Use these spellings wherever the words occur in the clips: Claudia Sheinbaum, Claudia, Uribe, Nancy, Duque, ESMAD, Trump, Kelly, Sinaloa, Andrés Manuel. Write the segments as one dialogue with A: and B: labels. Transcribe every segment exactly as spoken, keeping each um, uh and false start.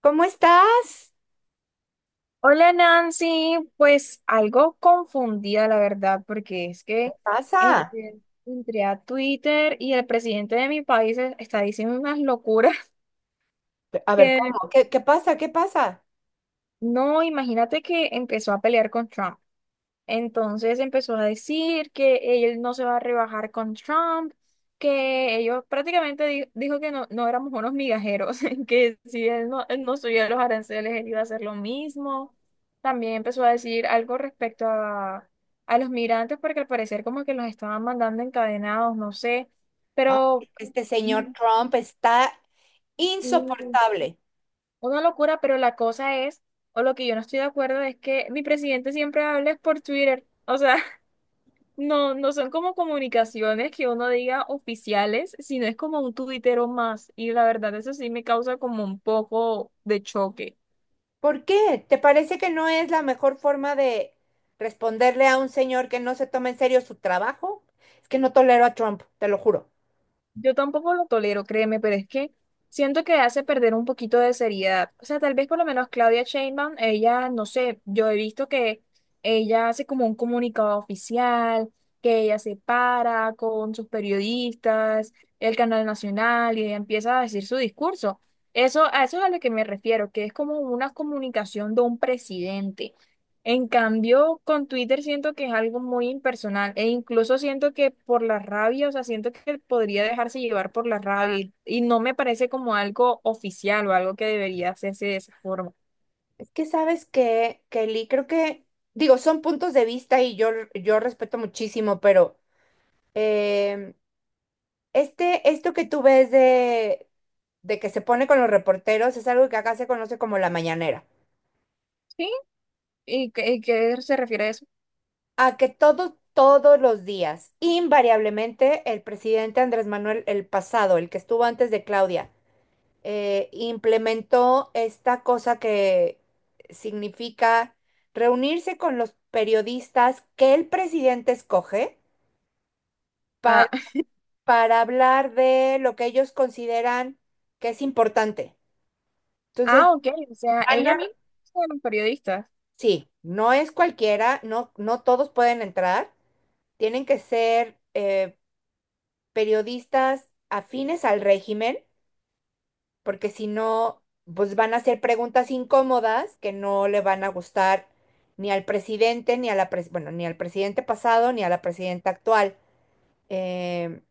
A: ¿Cómo estás?
B: Hola Nancy, pues algo confundida la verdad, porque es
A: ¿Qué
B: que
A: pasa?
B: entre, entré a Twitter y el presidente de mi país e- está diciendo unas locuras
A: A ver,
B: que
A: ¿cómo? ¿Qué, qué pasa? ¿Qué pasa?
B: no, imagínate que empezó a pelear con Trump. Entonces empezó a decir que él no se va a rebajar con Trump, que ellos prácticamente di- dijo que no, no éramos unos migajeros, que si él no, él no subía los aranceles, él iba a hacer lo mismo. También empezó a decir algo respecto a, a los migrantes, porque al parecer como que los estaban mandando encadenados, no sé,
A: Ah,
B: pero
A: este señor
B: Mm,
A: Trump está
B: mm,
A: insoportable.
B: una locura, pero la cosa es, o lo que yo no estoy de acuerdo es que mi presidente siempre habla es por Twitter, o sea. No, no son como comunicaciones que uno diga oficiales, sino es como un tuitero más. Y la verdad, eso sí me causa como un poco de choque.
A: ¿Por qué? ¿Te parece que no es la mejor forma de responderle a un señor que no se toma en serio su trabajo? Es que no tolero a Trump, te lo juro.
B: Yo tampoco lo tolero, créeme, pero es que siento que hace perder un poquito de seriedad. O sea, tal vez por lo menos Claudia Sheinbaum, ella, no sé, yo he visto que ella hace como un comunicado oficial, que ella se para con sus periodistas, el canal nacional, y ella empieza a decir su discurso. Eso, a eso es a lo que me refiero, que es como una comunicación de un presidente. En cambio, con Twitter siento que es algo muy impersonal e incluso siento que por la rabia, o sea, siento que podría dejarse llevar por la rabia y, y no me parece como algo oficial o algo que debería hacerse de esa forma.
A: Es que sabes que, Kelly, creo que, digo, son puntos de vista y yo, yo respeto muchísimo, pero em, Este, esto que tú ves de, de que se pone con los reporteros es algo que acá se conoce como la mañanera.
B: ¿Sí? ¿Y qué, y qué se refiere a eso?
A: A que todos, todos los días, invariablemente, el presidente Andrés Manuel, el pasado, el que estuvo antes de Claudia, eh, implementó esta cosa que significa reunirse con los periodistas que el presidente escoge
B: Ah,
A: para, para hablar de lo que ellos consideran que es importante. Entonces,
B: ah, ok, o sea,
A: van
B: ella
A: a
B: misma es una periodista.
A: sí, no es cualquiera, no, no todos pueden entrar, tienen que ser eh, periodistas afines al régimen, porque si no, pues van a hacer preguntas incómodas que no le van a gustar ni al presidente, ni a la pres- bueno, ni al presidente pasado, ni a la presidenta actual. Em,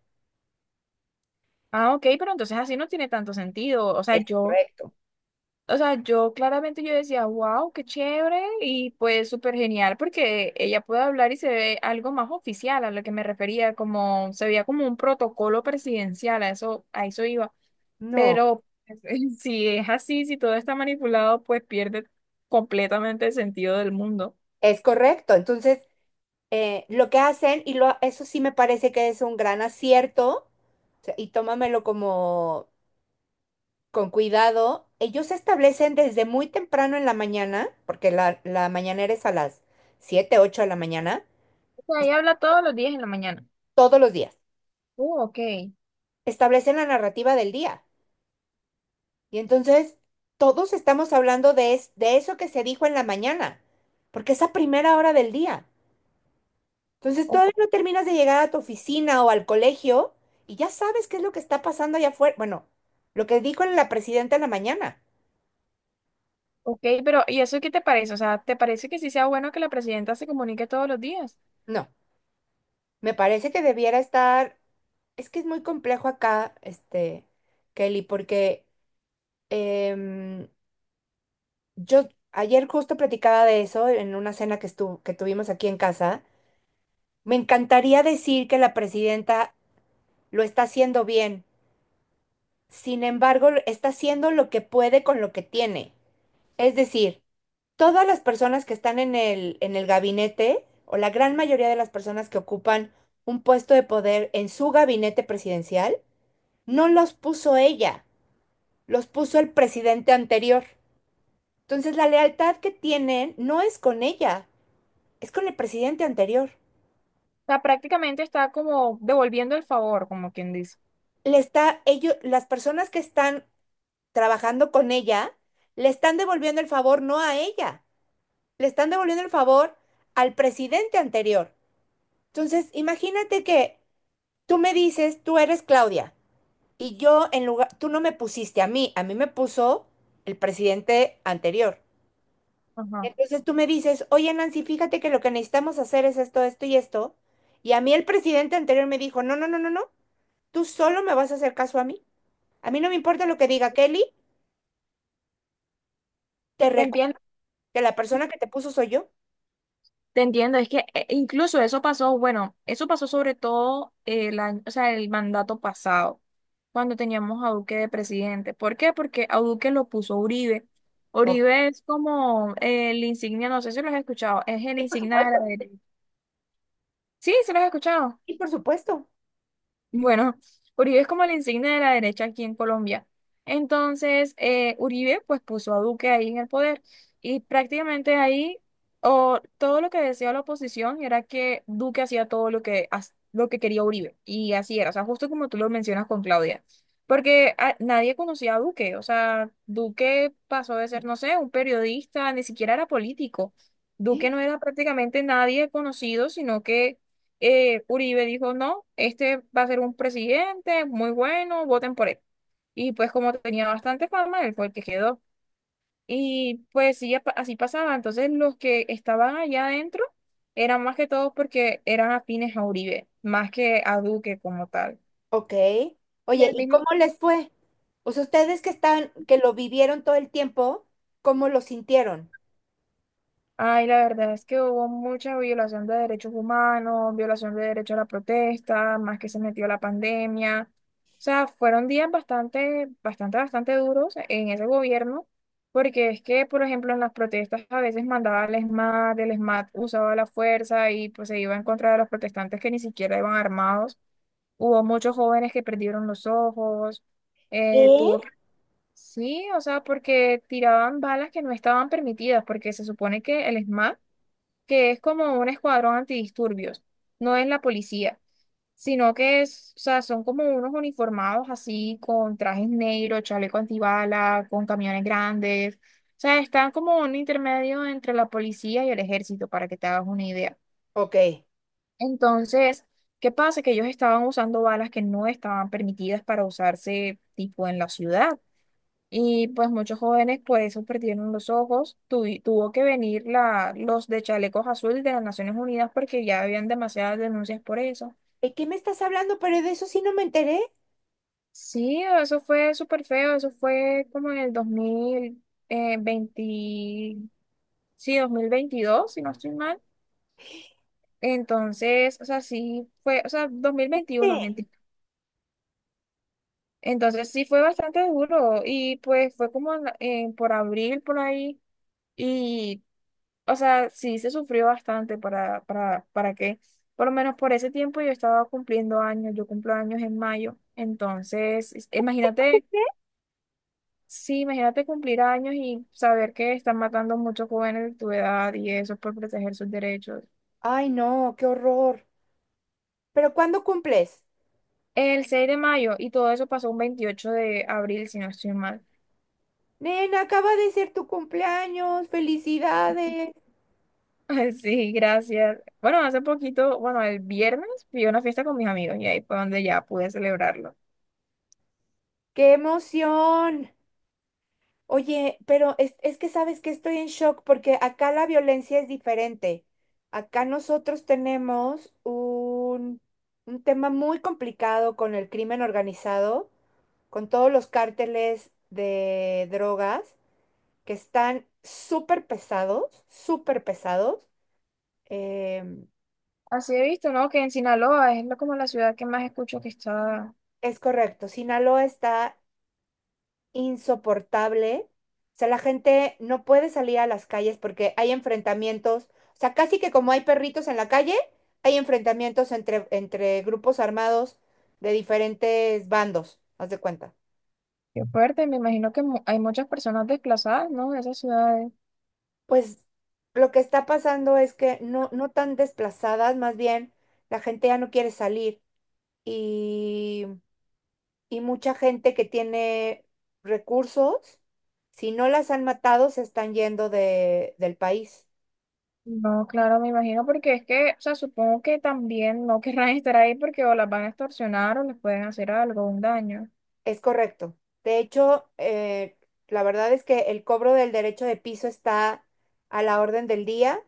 B: Ah, ok, pero entonces así no tiene tanto sentido. O sea,
A: es
B: yo.
A: correcto.
B: O sea, yo claramente yo decía, wow, qué chévere y pues súper genial porque ella puede hablar y se ve algo más oficial a lo que me refería, como se veía como un protocolo presidencial, a eso, a eso iba.
A: No,
B: Pero si es así, si todo está manipulado, pues pierde completamente el sentido del mundo.
A: es correcto. Entonces, eh, lo que hacen, y lo, eso sí me parece que es un gran acierto, o sea, y tómamelo como con cuidado, ellos se establecen desde muy temprano en la mañana, porque la, la mañanera es a las siete, ocho de la mañana,
B: O sea, ella habla todos los días en la mañana.
A: todos los días.
B: Uh, ok.
A: Establecen la narrativa del día. Y entonces todos estamos hablando de, es- de eso que se dijo en la mañana, porque es a primera hora del día. Entonces
B: O-
A: todavía no terminas de llegar a tu oficina o al colegio y ya sabes qué es lo que está pasando allá afuera. Bueno, lo que dijo la presidenta en la mañana.
B: ok, pero ¿y eso qué te parece? O sea, ¿te parece que sí sea bueno que la presidenta se comunique todos los días?
A: No. Me parece que debiera estar, es que es muy complejo acá, este, Kelly, porque em, yo ayer justo platicaba de eso en una cena que estu- que tuvimos aquí en casa. Me encantaría decir que la presidenta lo está haciendo bien. Sin embargo, está haciendo lo que puede con lo que tiene. Es decir, todas las personas que están en el, en el gabinete, o la gran mayoría de las personas que ocupan un puesto de poder en su gabinete presidencial, no los puso ella, los puso el presidente anterior. Entonces la lealtad que tienen no es con ella, es con el presidente anterior.
B: Sea, prácticamente está como devolviendo el favor, como quien dice.
A: Le está, ellos, las personas que están trabajando con ella, le están devolviendo el favor no a ella, le están devolviendo el favor al presidente anterior. Entonces, imagínate que tú me dices, tú eres Claudia, y yo en lugar, tú no me pusiste a mí, a mí me puso el presidente anterior.
B: Ajá.
A: Entonces tú me dices, oye Nancy, fíjate que lo que necesitamos hacer es esto, esto y esto. Y a mí el presidente anterior me dijo, no, no, no, no, no, tú solo me vas a hacer caso a mí. A mí no me importa lo que diga Kelly, te
B: Te entiendo,
A: recuerdo que la persona que te puso soy yo.
B: te entiendo. Es que eh, incluso eso pasó, bueno, eso pasó sobre todo el año, o sea, el mandato pasado, cuando teníamos a Duque de presidente. ¿Por qué? Porque a Duque lo puso Uribe.
A: Ok.
B: Uribe es como el insignia, no sé si lo has escuchado, es el
A: Y por
B: insignia de
A: supuesto,
B: la derecha. Sí, se lo has escuchado.
A: y por supuesto.
B: Bueno, Uribe es como la insignia de la derecha aquí en Colombia. Entonces, eh, Uribe pues puso a Duque ahí en el poder y prácticamente ahí o, todo lo que decía la oposición era que Duque hacía todo lo que, haz- lo que quería Uribe y así era, o sea, justo como tú lo mencionas con Claudia, porque a- nadie conocía a Duque, o sea, Duque pasó de ser, no sé, un periodista, ni siquiera era político. Duque no era prácticamente nadie conocido, sino que eh, Uribe dijo, no, este va a ser un presidente muy bueno, voten por él. Y pues como tenía bastante fama, él fue el que quedó. Y pues sí, apa- así pasaba. Entonces los que estaban allá adentro eran más que todos porque eran afines a Uribe, más que a Duque como tal.
A: Ok.
B: Y
A: Oye,
B: al
A: ¿y
B: mismo.
A: cómo les fue? Pues ustedes que están, que lo vivieron todo el tiempo, ¿cómo lo sintieron?
B: Ay, la verdad es que hubo mucha violación de derechos humanos, violación de derecho a la protesta, más que se metió la pandemia. O sea, fueron días bastante, bastante, bastante duros en ese gobierno, porque es que, por ejemplo, en las protestas a veces mandaba al ESMAD, el ESMAD usaba la fuerza y pues se iba en contra de los protestantes que ni siquiera iban armados. Hubo muchos jóvenes que perdieron los ojos, eh,
A: ¿Qué?
B: tuvo que. Sí, o sea, porque tiraban balas que no estaban permitidas, porque se supone que el ESMAD que es como un escuadrón antidisturbios, no es la policía, sino que es, o sea, son como unos uniformados así con trajes negros, chaleco antibala, con camiones grandes, o sea, están como un intermedio entre la policía y el ejército, para que te hagas una idea.
A: Ok. ¿De
B: Entonces, ¿qué pasa? Que ellos estaban usando balas que no estaban permitidas para usarse tipo en la ciudad. Y pues muchos jóvenes por eso perdieron los ojos. Tuvi- tuvo que venir la, los de chalecos azul de las Naciones Unidas porque ya habían demasiadas denuncias por eso.
A: qué me estás hablando? Pero de eso sí no me enteré.
B: Sí, eso fue súper feo. Eso fue como en el dos mil veinte, sí, dos mil veintidós si no estoy mal. Entonces, o sea, sí fue, o sea, dos mil veintiuno
A: Sí.
B: mentira. Entonces sí fue bastante duro y pues fue como en la- en por abril, por ahí. Y. O sea, sí se sufrió bastante para, para, para, que, por lo menos por ese tiempo yo estaba cumpliendo años, yo cumplo años en mayo, entonces, es- imagínate, sí, imagínate cumplir años y saber que están matando muchos jóvenes de tu edad y eso por proteger sus derechos.
A: Ay, no, qué horror. ¿Pero cuándo cumples?
B: El seis de mayo y todo eso pasó un veintiocho de abril, si no estoy mal.
A: Nena, acaba de ser tu cumpleaños. ¡Felicidades!
B: Ay, sí, gracias. Bueno, hace poquito, bueno, el viernes fui a una fiesta con mis amigos y ahí fue donde ya pude celebrarlo.
A: ¡Qué emoción! Oye, pero es, es que sabes que estoy en shock porque acá la violencia es diferente. Acá nosotros tenemos un, un tema muy complicado con el crimen organizado, con todos los cárteles de drogas que están súper pesados, súper pesados. Em,
B: Así he visto, ¿no? Que en Sinaloa es lo- como la ciudad que más escucho que está.
A: es correcto, Sinaloa está insoportable. O sea, la gente no puede salir a las calles porque hay enfrentamientos. O sea, casi que como hay perritos en la calle, hay enfrentamientos entre, entre grupos armados de diferentes bandos, haz de cuenta.
B: Qué fuerte. Me imagino que mu- hay muchas personas desplazadas, ¿no? De esas ciudades.
A: Pues lo que está pasando es que no, no tan desplazadas, más bien la gente ya no quiere salir y, y mucha gente que tiene recursos, si no las han matado, se están yendo de, del país.
B: No, claro, me imagino porque es que, o sea, supongo que también no querrán estar ahí porque o las van a extorsionar o les pueden hacer algo, un daño.
A: Es correcto. De hecho, eh, la verdad es que el cobro del derecho de piso está a la orden del día.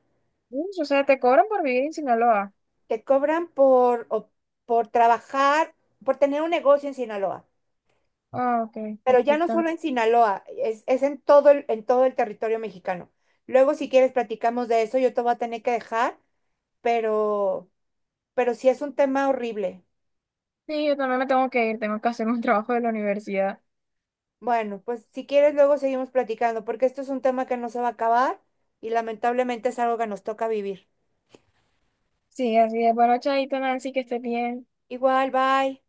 B: Ush, o sea, te cobran por vivir en Sinaloa.
A: Te cobran por, o- por trabajar, por tener un negocio en Sinaloa,
B: Ah, ok,
A: pero ya
B: aquí
A: no
B: también.
A: solo en Sinaloa, es, es en todo el, en todo el territorio mexicano. Luego, si quieres, platicamos de eso. Yo te voy a tener que dejar, pero, pero sí es un tema horrible.
B: Sí, yo también me tengo que ir, tengo que hacer un trabajo de la universidad.
A: Bueno, pues si quieres, luego seguimos platicando, porque esto es un tema que no se va a acabar y lamentablemente es algo que nos toca vivir.
B: Sí, así es. Bueno, chaito, Nancy, que estés bien.
A: Igual, bye.